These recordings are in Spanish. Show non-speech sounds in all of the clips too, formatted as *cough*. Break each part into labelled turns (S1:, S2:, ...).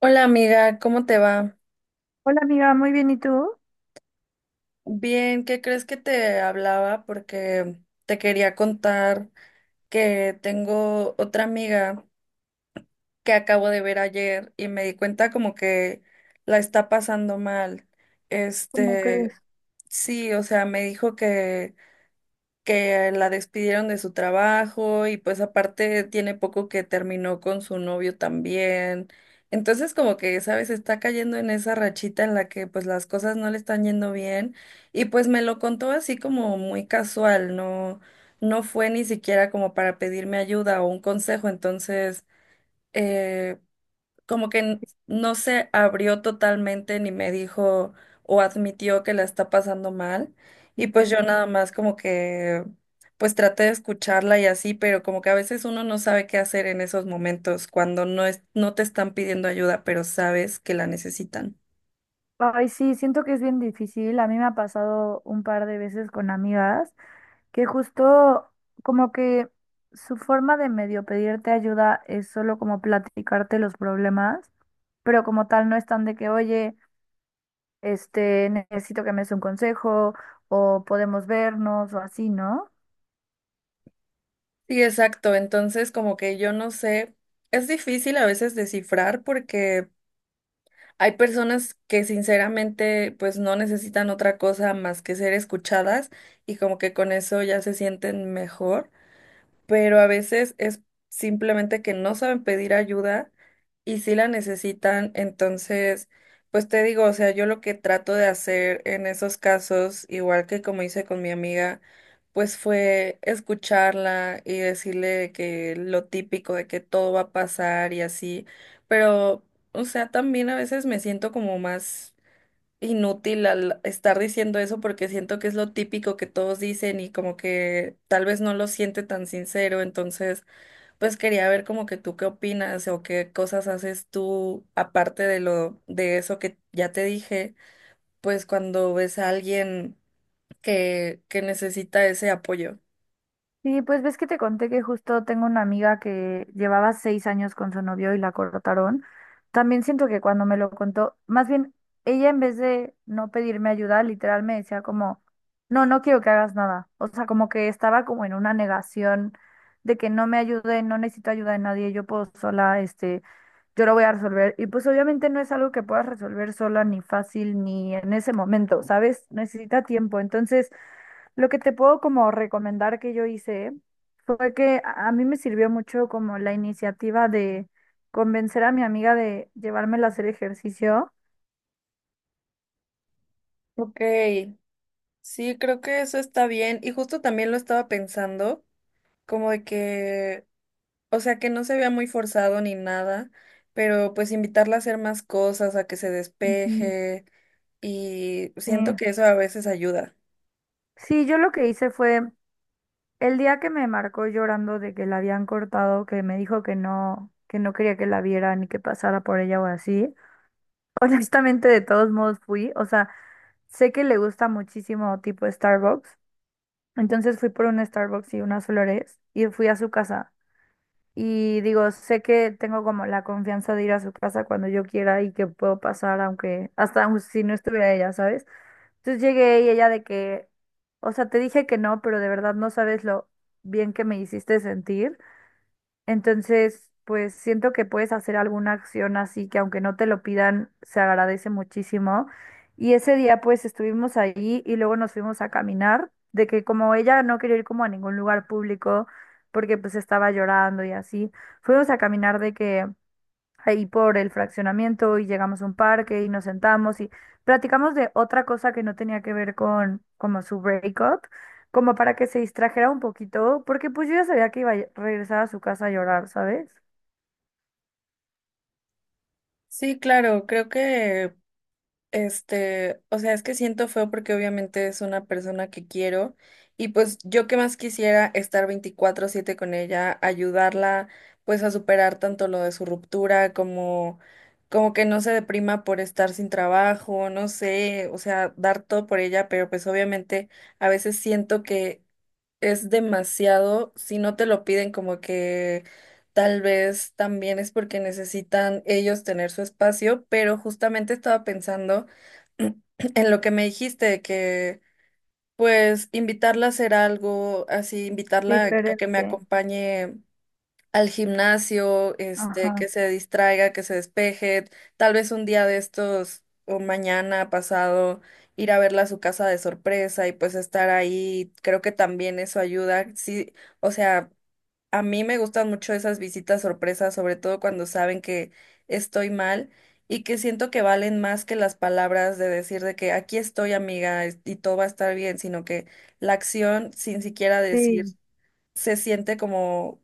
S1: Hola amiga, ¿cómo te va?
S2: Hola amiga, muy bien, ¿y tú?
S1: Bien, ¿qué crees que te hablaba? Porque te quería contar que tengo otra amiga que acabo de ver ayer y me di cuenta como que la está pasando mal.
S2: ¿Cómo crees?
S1: Este, sí, o sea, me dijo que la despidieron de su trabajo y pues aparte tiene poco que terminó con su novio también. Entonces como que, sabes, está cayendo en esa rachita en la que pues las cosas no le están yendo bien y pues me lo contó así como muy casual, no, no fue ni siquiera como para pedirme ayuda o un consejo, entonces eh, como que no se abrió totalmente ni me dijo o admitió que la está pasando mal. Y pues yo
S2: Mm.
S1: nada más como que pues traté de escucharla y así, pero como que a veces uno no sabe qué hacer en esos momentos cuando no es, no te están pidiendo ayuda, pero sabes que la necesitan.
S2: Ay, sí, siento que es bien difícil. A mí me ha pasado un par de veces con amigas que justo como que su forma de medio pedirte ayuda es solo como platicarte los problemas, pero como tal no están de que, oye, necesito que me des un consejo o podemos vernos o así, ¿no?
S1: Sí, exacto. Entonces como que yo no sé, es difícil a veces descifrar porque hay personas que sinceramente pues no necesitan otra cosa más que ser escuchadas y como que con eso ya se sienten mejor, pero a veces es simplemente que no saben pedir ayuda y sí la necesitan. Entonces, pues te digo, o sea, yo lo que trato de hacer en esos casos, igual que como hice con mi amiga, pues fue escucharla y decirle que lo típico de que todo va a pasar y así, pero, o sea, también a veces me siento como más inútil al estar diciendo eso porque siento que es lo típico que todos dicen y como que tal vez no lo siente tan sincero, entonces pues quería ver como que tú qué opinas o qué cosas haces tú aparte de lo de eso que ya te dije, pues cuando ves a alguien que necesita ese apoyo.
S2: Sí, pues ves que te conté que justo tengo una amiga que llevaba 6 años con su novio y la cortaron. También siento que cuando me lo contó, más bien ella en vez de no pedirme ayuda, literal me decía como, no, no quiero que hagas nada. O sea, como que estaba como en una negación de que no me ayude, no necesito ayuda de nadie, yo puedo sola, yo lo voy a resolver. Y pues obviamente no es algo que puedas resolver sola, ni fácil, ni en ese momento, ¿sabes? Necesita tiempo. Entonces lo que te puedo como recomendar que yo hice fue que a mí me sirvió mucho como la iniciativa de convencer a mi amiga de llevármela a hacer ejercicio.
S1: Ok, sí, creo que eso está bien y justo también lo estaba pensando como de que, o sea, que no se vea muy forzado ni nada, pero pues invitarla a hacer más cosas, a que se
S2: Ujú.
S1: despeje y
S2: Sí.
S1: siento que eso a veces ayuda.
S2: Sí, yo lo que hice fue el día que me marcó llorando de que la habían cortado, que me dijo que no quería que la viera ni que pasara por ella o así. *laughs* Honestamente, de todos modos fui, o sea, sé que le gusta muchísimo tipo Starbucks, entonces fui por un Starbucks y unas flores y fui a su casa. Y digo, sé que tengo como la confianza de ir a su casa cuando yo quiera y que puedo pasar, aunque hasta aun si no estuviera ella, ¿sabes? Entonces llegué y ella de que, o sea, te dije que no, pero de verdad no sabes lo bien que me hiciste sentir. Entonces, pues siento que puedes hacer alguna acción así que aunque no te lo pidan, se agradece muchísimo. Y ese día pues estuvimos ahí y luego nos fuimos a caminar, de que como ella no quería ir como a ningún lugar público porque pues estaba llorando y así, fuimos a caminar de que ahí por el fraccionamiento y llegamos a un parque y nos sentamos y platicamos de otra cosa que no tenía que ver con como su breakup, como para que se distrajera un poquito, porque pues yo ya sabía que iba a regresar a su casa a llorar, ¿sabes?
S1: Sí, claro, creo que este, o sea, es que siento feo porque obviamente es una persona que quiero y pues yo que más quisiera estar 24/7 con ella, ayudarla pues a superar tanto lo de su ruptura como como que no se deprima por estar sin trabajo, no sé, o sea, dar todo por ella, pero pues obviamente a veces siento que es demasiado, si no te lo piden como que tal vez también es porque necesitan ellos tener su espacio, pero justamente estaba pensando *clears throat* en lo que me dijiste, de que pues invitarla a hacer algo, así invitarla a que me
S2: Diferente.
S1: acompañe al gimnasio, este,
S2: Ajá.
S1: que se distraiga, que se despeje, tal vez un día de estos o mañana pasado ir a verla a su casa de sorpresa y pues estar ahí, creo que también eso ayuda. Sí, o sea, a mí me gustan mucho esas visitas sorpresas, sobre todo cuando saben que estoy mal y que siento que valen más que las palabras de decir de que aquí estoy, amiga, es- y todo va a estar bien, sino que la acción sin siquiera decir
S2: Sí.
S1: se siente como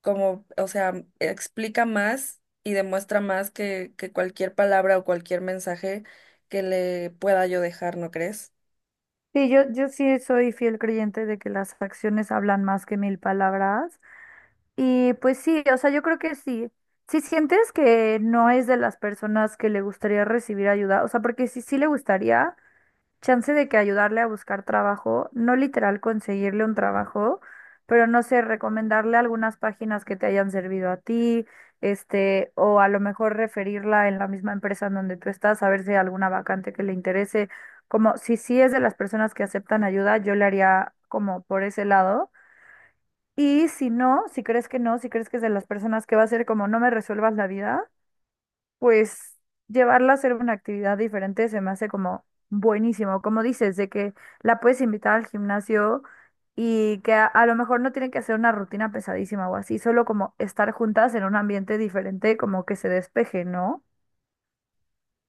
S1: como, o sea, explica más y demuestra más que cualquier palabra o cualquier mensaje que le pueda yo dejar, ¿no crees?
S2: Sí, yo sí soy fiel creyente de que las acciones hablan más que mil palabras. Y pues sí, o sea, yo creo que sí. Si sientes que no es de las personas que le gustaría recibir ayuda, o sea, porque si sí le gustaría, chance de que ayudarle a buscar trabajo, no literal conseguirle un trabajo, pero no sé, recomendarle algunas páginas que te hayan servido a ti, o a lo mejor referirla en la misma empresa en donde tú estás, a ver si hay alguna vacante que le interese. Como si sí es de las personas que aceptan ayuda, yo le haría como por ese lado. Y si no, si crees que no, si crees que es de las personas que va a ser como no me resuelvas la vida, pues llevarla a hacer una actividad diferente se me hace como buenísimo, como dices, de que la puedes invitar al gimnasio y que a lo mejor no tienen que hacer una rutina pesadísima o así, solo como estar juntas en un ambiente diferente, como que se despeje, ¿no?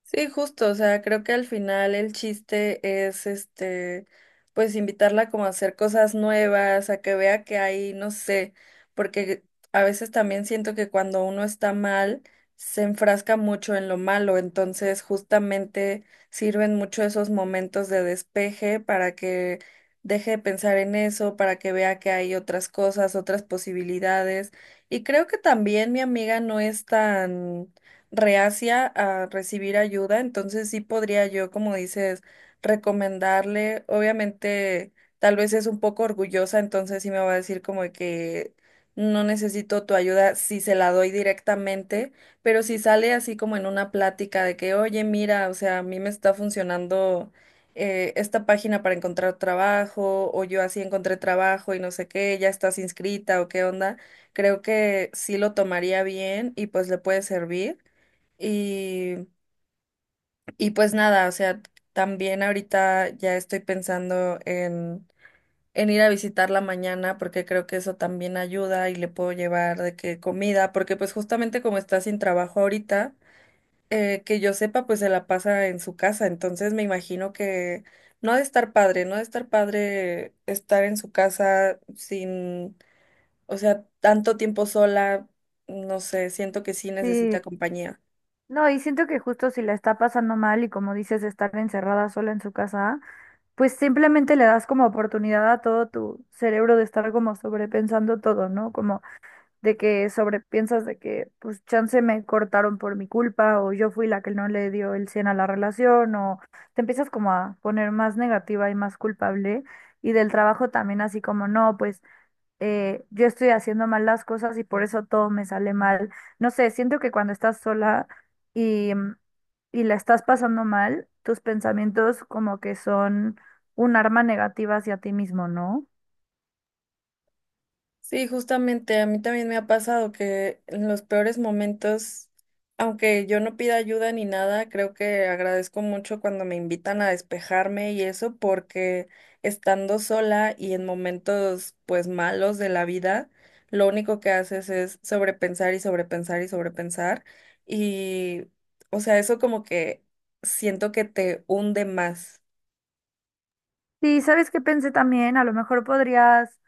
S1: Sí, justo, o sea, creo que al final el chiste es este, pues invitarla como a hacer cosas nuevas, a que vea que hay, no sé, porque a veces también siento que cuando uno está mal, se enfrasca mucho en lo malo, entonces justamente sirven mucho esos momentos de despeje para que deje de pensar en eso, para que vea que hay otras cosas, otras posibilidades. Y creo que también mi amiga no es tan reacia a recibir ayuda, entonces sí podría yo, como dices, recomendarle. Obviamente, tal vez es un poco orgullosa, entonces sí me va a decir como de que no necesito tu ayuda si se la doy directamente, pero si sale así como en una plática de que, oye, mira, o sea, a mí me está funcionando esta página para encontrar trabajo, o yo así encontré trabajo y no sé qué, ya estás inscrita o qué onda, creo que sí lo tomaría bien y pues le puede servir. Y, y pues nada, o sea, también ahorita ya estoy pensando en ir a visitarla mañana porque creo que eso también ayuda y le puedo llevar de que comida, porque pues justamente como está sin trabajo ahorita, que yo sepa, pues se la pasa en su casa, entonces me imagino que no ha de estar padre, no ha de estar padre estar en su casa sin, o sea, tanto tiempo sola, no sé, siento que sí
S2: Sí,
S1: necesita compañía.
S2: no, y siento que justo si la está pasando mal y como dices, estar encerrada sola en su casa, pues simplemente le das como oportunidad a todo tu cerebro de estar como sobrepensando todo, ¿no? Como de que sobrepiensas de que, pues, chance me cortaron por mi culpa o yo fui la que no le dio el 100 a la relación o te empiezas como a poner más negativa y más culpable y del trabajo también así como, no, pues, yo estoy haciendo mal las cosas y por eso todo me sale mal. No sé, siento que cuando estás sola y y la estás pasando mal, tus pensamientos como que son un arma negativa hacia ti mismo, ¿no?
S1: Sí, justamente a mí también me ha pasado que en los peores momentos, aunque yo no pida ayuda ni nada, creo que agradezco mucho cuando me invitan a despejarme y eso porque estando sola y en momentos pues malos de la vida, lo único que haces es sobrepensar y sobrepensar y sobrepensar y, o sea, eso como que siento que te hunde más.
S2: Sí, ¿sabes qué pensé también? A lo mejor podrías,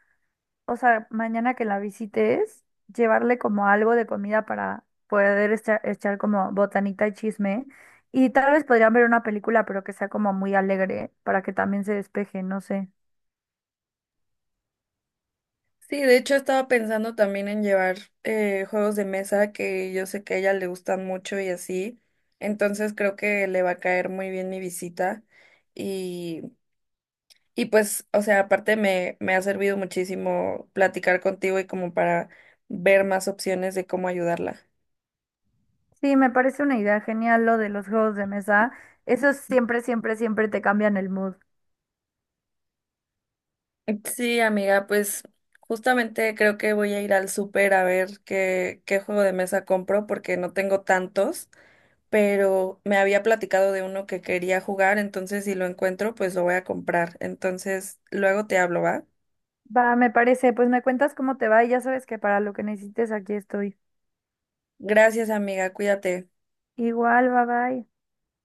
S2: o sea, mañana que la visites, llevarle como algo de comida para poder echar como botanita y chisme. Y tal vez podrían ver una película, pero que sea como muy alegre para que también se despeje, no sé.
S1: Sí, de hecho estaba pensando también en llevar juegos de mesa que yo sé que a ella le gustan mucho y así. Entonces creo que le va a caer muy bien mi visita. Y, y pues, o sea, aparte me, me ha servido muchísimo platicar contigo y como para ver más opciones de cómo ayudarla.
S2: Sí, me parece una idea genial lo de los juegos de mesa. Eso siempre, siempre, siempre te cambian el mood.
S1: Sí, amiga, pues justamente creo que voy a ir al súper a ver qué, qué juego de mesa compro porque no tengo tantos, pero me había platicado de uno que quería jugar, entonces si lo encuentro, pues lo voy a comprar. Entonces, luego te hablo, ¿va?
S2: Va, me parece, pues me cuentas cómo te va y ya sabes que para lo que necesites aquí estoy.
S1: Gracias, amiga, cuídate.
S2: Igual, bye bye.